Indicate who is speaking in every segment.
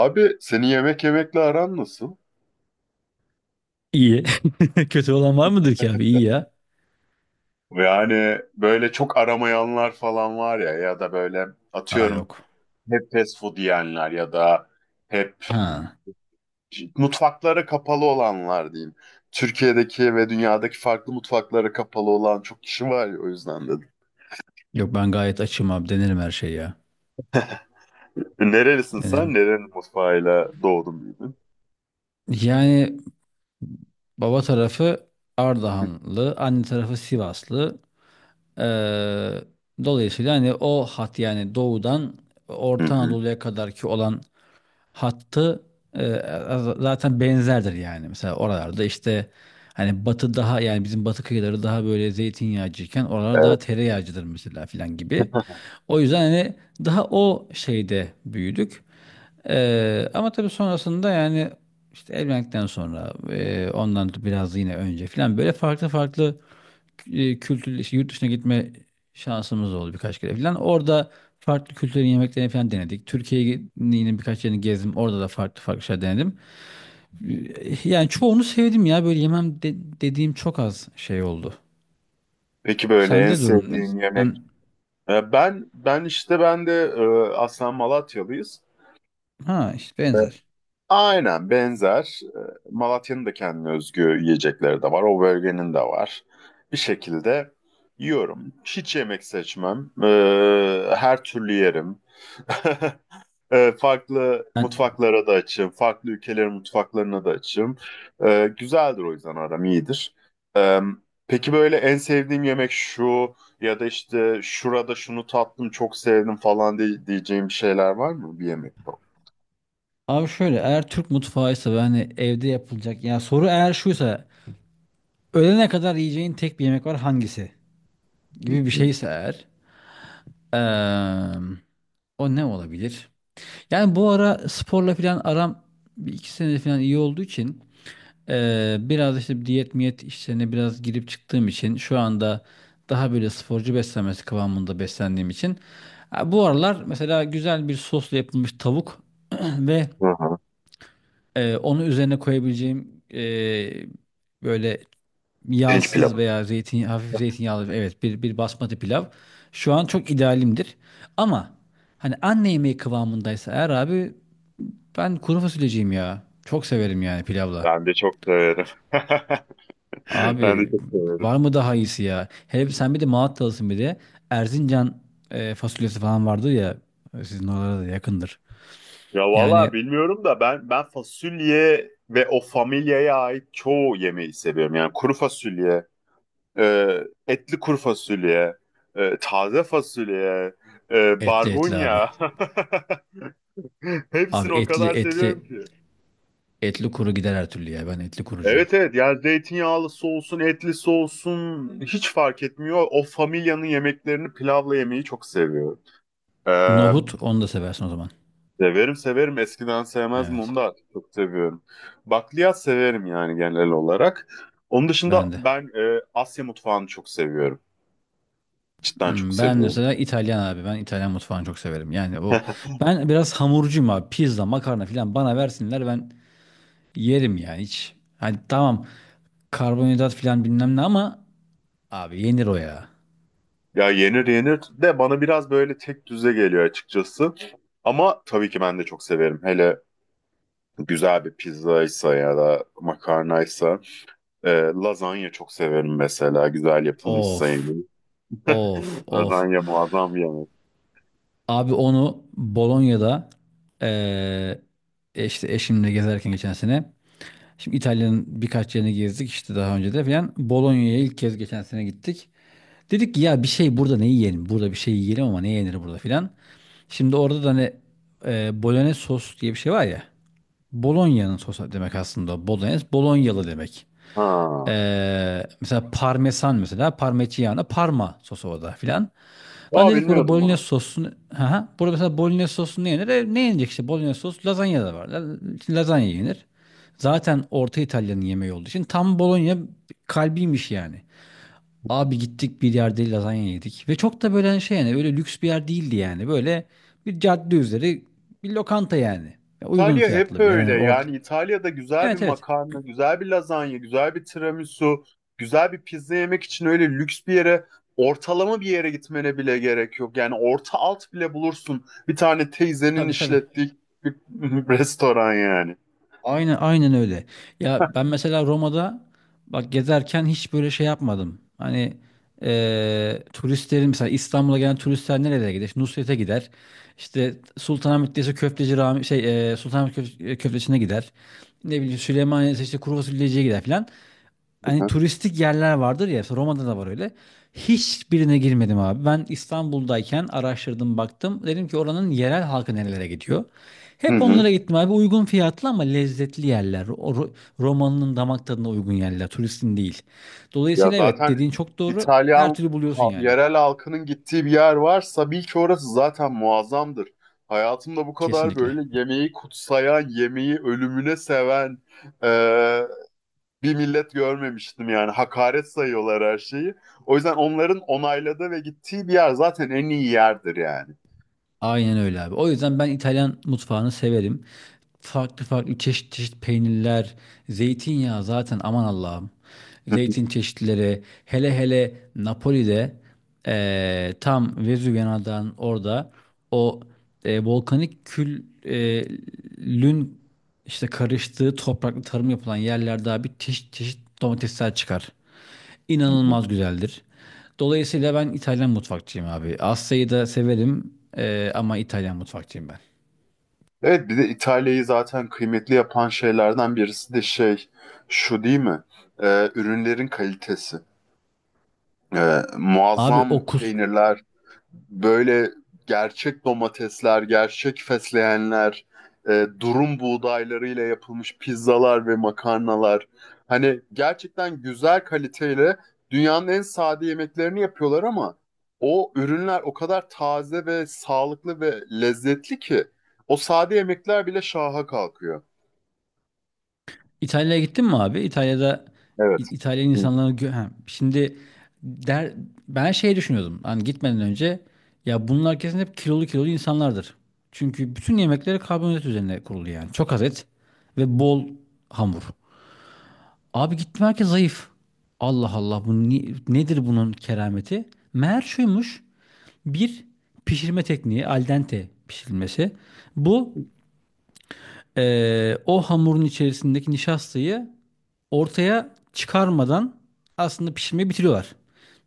Speaker 1: Abi seni yemek yemekle aran nasıl?
Speaker 2: İyi. Kötü olan var mıdır ki abi? İyi ya.
Speaker 1: Yani böyle çok aramayanlar falan var ya ya da böyle
Speaker 2: Aa,
Speaker 1: atıyorum
Speaker 2: yok.
Speaker 1: hep fast food yiyenler ya da hep
Speaker 2: Ha.
Speaker 1: mutfaklara kapalı olanlar diyeyim. Türkiye'deki ve dünyadaki farklı mutfaklara kapalı olan çok kişi var ya o yüzden dedim.
Speaker 2: Yok, ben gayet açım abi. Denerim her şeyi ya.
Speaker 1: Nerelisin sen?
Speaker 2: Denerim.
Speaker 1: Nerenin mutfağıyla doğdun büyüdün?
Speaker 2: Yani baba tarafı Ardahanlı, anne tarafı Sivaslı. Ee, Dolayısıyla hani o hat, yani doğudan
Speaker 1: Hı
Speaker 2: Orta
Speaker 1: hı.
Speaker 2: Anadolu'ya kadar ki olan hattı e, zaten benzerdir yani. Mesela oralarda işte hani batı, daha yani bizim batı kıyıları daha böyle zeytinyağcıyken oralar
Speaker 1: Evet.
Speaker 2: daha tereyağcıdır mesela filan gibi. O yüzden hani daha o şeyde büyüdük. Ama tabii sonrasında yani işte evlendikten sonra, ondan biraz yine önce filan, böyle farklı farklı kültür, işte yurt dışına gitme şansımız oldu birkaç kere falan. Orada farklı kültürlerin yemeklerini falan denedik. Türkiye'nin birkaç yerini gezdim. Orada da farklı farklı şeyler denedim. Yani çoğunu sevdim ya. Böyle dediğim çok az şey oldu.
Speaker 1: Peki böyle en
Speaker 2: Sende durum ne?
Speaker 1: sevdiğin yemek?
Speaker 2: Ben
Speaker 1: Ben ben işte de aslen Malatyalıyız.
Speaker 2: ha işte benzer.
Speaker 1: Aynen benzer. Malatya'nın da kendine özgü yiyecekleri de var. O bölgenin de var. Bir şekilde yiyorum. Hiç yemek seçmem. Her türlü yerim. Farklı
Speaker 2: Ben
Speaker 1: mutfaklara da açığım. Farklı ülkelerin mutfaklarına da açığım. Güzeldir o yüzden aram iyidir. Ee, peki böyle en sevdiğim yemek şu ya da işte şurada şunu tattım çok sevdim falan diye, diyeceğim şeyler var mı bir yemek?
Speaker 2: abi şöyle, eğer Türk mutfağıysa ve hani evde yapılacak ya, soru eğer şuysa, ölene kadar yiyeceğin tek bir yemek var hangisi gibi bir şeyse eğer, eee, o ne olabilir? Yani bu ara sporla falan aram bir iki senedir falan iyi olduğu için, biraz işte diyet miyet işlerine biraz girip çıktığım için, şu anda daha böyle sporcu beslenmesi kıvamında beslendiğim için, ha, bu aralar mesela güzel bir sosla yapılmış tavuk ve
Speaker 1: Hı hı.
Speaker 2: onu üzerine koyabileceğim, böyle
Speaker 1: Pirinç
Speaker 2: yağsız
Speaker 1: pilavı.
Speaker 2: veya zeytin hafif zeytinyağlı, evet, bir basmati pilav şu an çok idealimdir. Ama hani anne yemeği kıvamındaysa eğer abi, ben kuru fasulyeciyim ya. Çok severim yani pilavla.
Speaker 1: Ben de çok severim. Ben de
Speaker 2: Abi,
Speaker 1: çok severim.
Speaker 2: var mı daha iyisi ya? Hele sen bir de Malatyalısın bir de. Erzincan fasulyesi falan vardı ya. Sizin oralara da yakındır.
Speaker 1: Ya vallahi
Speaker 2: Yani
Speaker 1: bilmiyorum da ben fasulye ve o familyaya ait çoğu yemeği seviyorum. Yani kuru fasulye, e, etli kuru fasulye, taze fasulye,
Speaker 2: etli etli abi.
Speaker 1: barbunya.
Speaker 2: Abi
Speaker 1: Hepsini o
Speaker 2: etli
Speaker 1: kadar
Speaker 2: etli,
Speaker 1: seviyorum ki.
Speaker 2: etli kuru gider her türlü ya. Ben etli kurucuyum.
Speaker 1: Evet, evet, yani zeytinyağlısı olsun, etlisi olsun hiç fark etmiyor. O familyanın yemeklerini pilavla yemeyi çok seviyorum. Ee,
Speaker 2: Nohut, onu da seversin o zaman.
Speaker 1: Severim severim. Eskiden sevmezdim onu
Speaker 2: Evet.
Speaker 1: da artık çok seviyorum. Bakliyat severim yani genel olarak. Onun dışında
Speaker 2: Ben de.
Speaker 1: ben Asya mutfağını çok seviyorum. Cidden çok
Speaker 2: Hmm, ben
Speaker 1: seviyorum.
Speaker 2: mesela İtalyan abi. Ben İtalyan mutfağını çok severim. Yani o, ben biraz hamurcuyum abi. Pizza, makarna falan bana versinler, ben yerim ya hiç. Hani tamam, karbonhidrat filan bilmem ne ama abi yenir o ya.
Speaker 1: Ya yenir yenir de bana biraz böyle tek düze geliyor açıkçası. Ama tabii ki ben de çok severim. Hele güzel bir pizzaysa ya da makarnaysa. E, lazanya çok severim mesela. Güzel yapılmışsa yani.
Speaker 2: Of, of of.
Speaker 1: Lazanya muazzam bir yemek.
Speaker 2: Abi onu Bolonya'da, eee, işte eşimle gezerken geçen sene. Şimdi İtalya'nın birkaç yerini gezdik işte daha önce de filan. Bolonya'ya ilk kez geçen sene gittik. Dedik ki ya bir şey, burada ne yiyelim? Burada bir şey yiyelim ama ne yenir burada filan. Şimdi orada da hani bolognese sos diye bir şey var ya. Bolonya'nın sosu demek aslında. Bolognese, Bolonyalı demek.
Speaker 1: Ha.
Speaker 2: Mesela parmesan, mesela parmigiana, parma sosu o da filan. Lan
Speaker 1: Aa,
Speaker 2: dedik, burada
Speaker 1: bilmiyordum
Speaker 2: bolognese
Speaker 1: bunu.
Speaker 2: sosu, ha burada mesela bolognese sosu ne yenir? E, ne yenecek işte bolognese sosu, lazanya da var. Lazanya yenir. Zaten Orta İtalya'nın yemeği olduğu için tam Bologna kalbiymiş yani. Abi gittik bir yerde lazanya yedik ve çok da böyle şey yani, öyle lüks bir yer değildi yani. Böyle bir cadde üzeri bir lokanta yani. Ya, uygun
Speaker 1: İtalya hep
Speaker 2: fiyatlı bir yer.
Speaker 1: öyle.
Speaker 2: Yani orta.
Speaker 1: Yani İtalya'da güzel bir
Speaker 2: Evet, evet.
Speaker 1: makarna, güzel bir lazanya, güzel bir tiramisu, güzel bir pizza yemek için öyle lüks bir yere, ortalama bir yere gitmene bile gerek yok. Yani orta alt bile bulursun. Bir tane teyzenin
Speaker 2: Tabii, tabii.
Speaker 1: işlettiği bir restoran yani.
Speaker 2: Aynen, aynen öyle. Ya ben mesela Roma'da, bak, gezerken hiç böyle şey yapmadım. Hani turistlerin mesela İstanbul'a gelen turistler nerelere gider? İşte Nusret'e gider. İşte Sultanahmet'teyse Köfteci Rami, şey, Sultanahmet Köfteci'ne gider. Ne bileyim, Süleymaniye'de işte kuru fasulyeciye gider filan,
Speaker 1: Hı
Speaker 2: hani
Speaker 1: hı.
Speaker 2: turistik yerler vardır ya, işte Roma'da da var öyle. Hiçbirine girmedim abi. Ben İstanbul'dayken araştırdım baktım. Dedim ki oranın yerel halkı nerelere gidiyor.
Speaker 1: Hı
Speaker 2: Hep
Speaker 1: hı.
Speaker 2: onlara gittim abi. Uygun fiyatlı ama lezzetli yerler. Romalının damak tadına uygun yerler. Turistin değil.
Speaker 1: Ya
Speaker 2: Dolayısıyla evet,
Speaker 1: zaten
Speaker 2: dediğin çok doğru. Her
Speaker 1: İtalyan
Speaker 2: türlü buluyorsun yani.
Speaker 1: yerel halkının gittiği bir yer varsa bil ki orası zaten muazzamdır. Hayatımda bu kadar
Speaker 2: Kesinlikle.
Speaker 1: böyle yemeği kutsayan, yemeği ölümüne seven, bir millet görmemiştim yani. Hakaret sayıyorlar her şeyi. O yüzden onların onayladığı ve gittiği bir yer zaten en iyi yerdir yani.
Speaker 2: Aynen öyle abi. O yüzden ben İtalyan mutfağını severim. Farklı farklı, çeşit çeşit peynirler, zeytinyağı zaten aman Allah'ım. Zeytin çeşitleri, hele hele Napoli'de, tam Vezüv yanağından orada o, volkanik küllün işte karıştığı topraklı tarım yapılan yerlerde abi, çeşit çeşit domatesler çıkar, inanılmaz güzeldir. Dolayısıyla ben İtalyan mutfakçıyım abi. Asya'yı da severim ama İtalyan mutfakçıyım ben.
Speaker 1: Evet bir de İtalya'yı zaten kıymetli yapan şeylerden birisi de şey şu değil mi? Ürünlerin kalitesi.
Speaker 2: Abi
Speaker 1: Muazzam
Speaker 2: o kus...
Speaker 1: peynirler, böyle gerçek domatesler, gerçek fesleğenler, durum buğdaylarıyla yapılmış pizzalar ve makarnalar. Hani gerçekten güzel kaliteyle dünyanın en sade yemeklerini yapıyorlar ama o ürünler o kadar taze ve sağlıklı ve lezzetli ki o sade yemekler bile şaha kalkıyor.
Speaker 2: İtalya'ya gittin mi abi? İtalya'da
Speaker 1: Evet.
Speaker 2: İtalyan
Speaker 1: Hı.
Speaker 2: ha, şimdi der... ben şey düşünüyordum. Hani gitmeden önce ya bunlar kesin hep kilolu kilolu insanlardır. Çünkü bütün yemekleri karbonhidrat üzerine kurulu yani. Çok az et ve bol hamur. Abi gittim, herkes zayıf. Allah Allah, bu nedir bunun kerameti? Meğer şuymuş. Bir pişirme tekniği, al dente pişirilmesi. Bu o hamurun içerisindeki nişastayı ortaya çıkarmadan aslında pişirmeyi bitiriyorlar.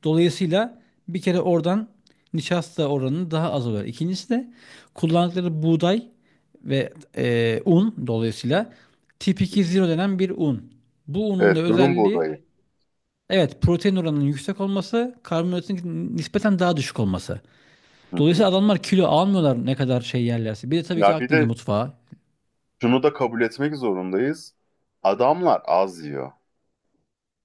Speaker 2: Dolayısıyla bir kere oradan nişasta oranı daha az oluyor. İkincisi de kullandıkları buğday ve un, dolayısıyla tip 2.0 denen bir un. Bu unun da
Speaker 1: Evet, durum
Speaker 2: özelliği,
Speaker 1: buğdayı.
Speaker 2: evet, protein oranının yüksek olması, karbonhidratın nispeten daha düşük olması.
Speaker 1: Hı hı.
Speaker 2: Dolayısıyla adamlar kilo almıyorlar ne kadar şey yerlerse. Bir de tabii ki
Speaker 1: Ya bir
Speaker 2: Akdeniz
Speaker 1: de
Speaker 2: mutfağı.
Speaker 1: şunu da kabul etmek zorundayız. Adamlar az yiyor.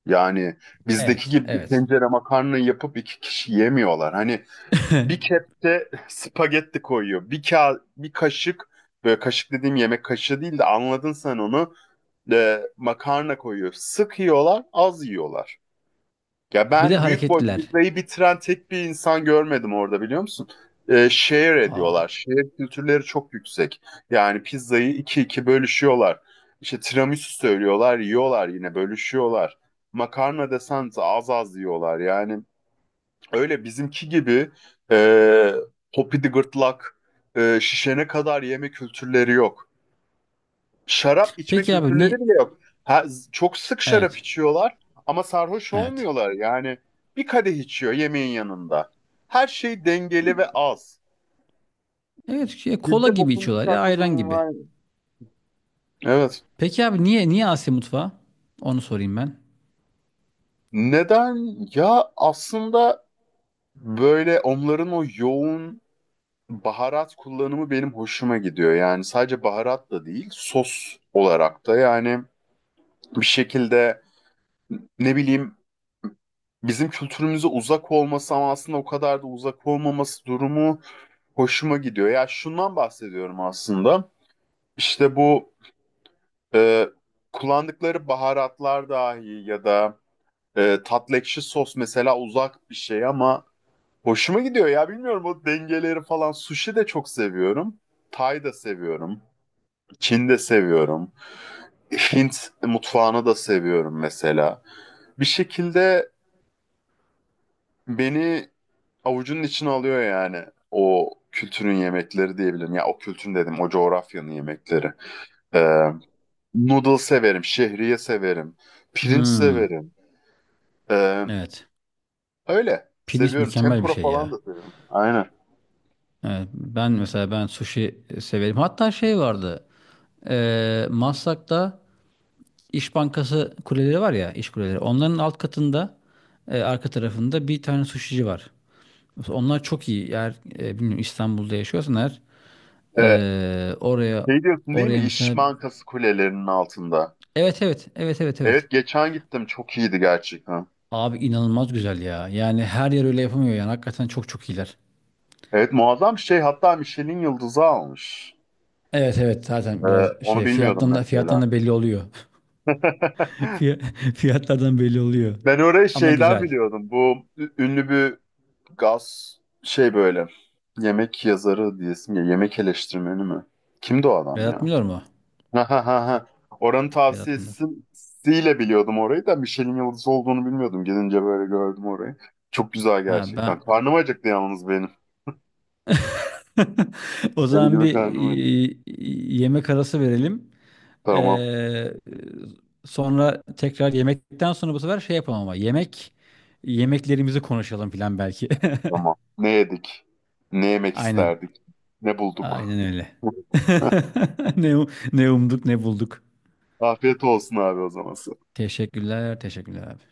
Speaker 1: Yani bizdeki
Speaker 2: Evet,
Speaker 1: gibi bir
Speaker 2: evet.
Speaker 1: tencere makarna yapıp iki kişi yemiyorlar. Hani bir kepçe spagetti koyuyor. Bir kaşık böyle kaşık dediğim yemek kaşığı değil de anladın sen onu. E, makarna koyuyor. Sık yiyorlar, az yiyorlar. Ya
Speaker 2: Bir de
Speaker 1: ben büyük boy
Speaker 2: hareketliler.
Speaker 1: pizzayı bitiren tek bir insan görmedim orada biliyor musun? Share ediyorlar.
Speaker 2: Aa.
Speaker 1: Share kültürleri çok yüksek. Yani pizzayı iki bölüşüyorlar. İşte tiramisu söylüyorlar, yiyorlar yine bölüşüyorlar. Makarna desen de az az yiyorlar. Yani öyle bizimki gibi e, popidi gırtlak, şişene kadar yeme kültürleri yok. Şarap içme
Speaker 2: Peki abi niye?
Speaker 1: kültürleri bile yok. Ha, çok sık şarap
Speaker 2: Evet.
Speaker 1: içiyorlar ama sarhoş
Speaker 2: Evet.
Speaker 1: olmuyorlar. Yani bir kadeh içiyor yemeğin yanında. Her şey dengeli ve az.
Speaker 2: Evet şey, kola
Speaker 1: Bizde
Speaker 2: gibi
Speaker 1: bokunu
Speaker 2: içiyorlar ya,
Speaker 1: çıkartma
Speaker 2: ayran
Speaker 1: durumu
Speaker 2: gibi.
Speaker 1: var. Evet.
Speaker 2: Peki abi niye, niye Asya mutfağı? Onu sorayım ben.
Speaker 1: Neden? Ya aslında böyle onların o yoğun baharat kullanımı benim hoşuma gidiyor. Yani sadece baharat da değil, sos olarak da yani bir şekilde ne bileyim bizim kültürümüze uzak olması ama aslında o kadar da uzak olmaması durumu hoşuma gidiyor. Ya şundan bahsediyorum aslında. İşte bu e, kullandıkları baharatlar dahi ya da tatlı ekşi sos mesela uzak bir şey ama hoşuma gidiyor ya bilmiyorum o dengeleri falan. Sushi de çok seviyorum. Tay da seviyorum. Çin de seviyorum. Hint mutfağını da seviyorum mesela. Bir şekilde beni avucunun içine alıyor yani o kültürün yemekleri diyebilirim. Ya o kültürün dedim o coğrafyanın yemekleri. Ee, noodle severim, şehriye severim, pirinç
Speaker 2: Hmm.
Speaker 1: severim. Ee,
Speaker 2: Evet.
Speaker 1: öyle
Speaker 2: Pirinç
Speaker 1: seviyorum.
Speaker 2: mükemmel bir
Speaker 1: Tempura
Speaker 2: şey
Speaker 1: falan
Speaker 2: ya.
Speaker 1: da severim. Aynen.
Speaker 2: Evet, ben mesela ben sushi severim. Hatta şey vardı. Maslak'ta İş Bankası kuleleri var ya, iş kuleleri. Onların alt katında arka tarafında bir tane sushici var. Mesela onlar çok iyi. Eğer bilmiyorum İstanbul'da yaşıyorsan eğer,
Speaker 1: Ee,
Speaker 2: e, oraya
Speaker 1: şey diyorsun değil mi?
Speaker 2: oraya mesela,
Speaker 1: İş Bankası kulelerinin altında.
Speaker 2: evet evet evet evet evet.
Speaker 1: Evet geçen gittim çok iyiydi gerçekten.
Speaker 2: Abi inanılmaz güzel ya. Yani her yer öyle yapamıyor yani. Hakikaten çok çok iyiler.
Speaker 1: Evet muazzam bir şey hatta Michelin yıldızı almış.
Speaker 2: Evet, evet,
Speaker 1: Ee,
Speaker 2: zaten biraz
Speaker 1: onu
Speaker 2: şey
Speaker 1: bilmiyordum mesela.
Speaker 2: fiyattan da belli oluyor. Fiyatlardan belli oluyor.
Speaker 1: Ben orayı
Speaker 2: Ama
Speaker 1: şeyden
Speaker 2: güzel.
Speaker 1: biliyordum. Bu ünlü bir gaz şey böyle. Yemek yazarı diyesim ya. Yemek eleştirmeni mi? Kimdi o adam ya?
Speaker 2: Vedat Milor mu?
Speaker 1: Ha ha ha. Ha. Oranın
Speaker 2: Vedat Milor.
Speaker 1: tavsiyesiyle biliyordum orayı da Michelin yıldızı olduğunu bilmiyordum. Gidince böyle gördüm orayı. Çok güzel
Speaker 2: Ha
Speaker 1: gerçekten.
Speaker 2: ben
Speaker 1: Karnım acıktı yalnız benim.
Speaker 2: O
Speaker 1: Deli
Speaker 2: zaman
Speaker 1: gibi
Speaker 2: bir
Speaker 1: karnım acıktı.
Speaker 2: yemek arası verelim.
Speaker 1: Tamam.
Speaker 2: Ee, Sonra tekrar yemekten sonra bu sefer şey yapalım ama yemeklerimizi konuşalım falan belki.
Speaker 1: Tamam. Ne yedik? Ne yemek
Speaker 2: Aynen.
Speaker 1: isterdik? Ne bulduk?
Speaker 2: Aynen öyle. Ne, ne umduk ne bulduk.
Speaker 1: Afiyet olsun abi o zaman.
Speaker 2: Teşekkürler, teşekkürler abi.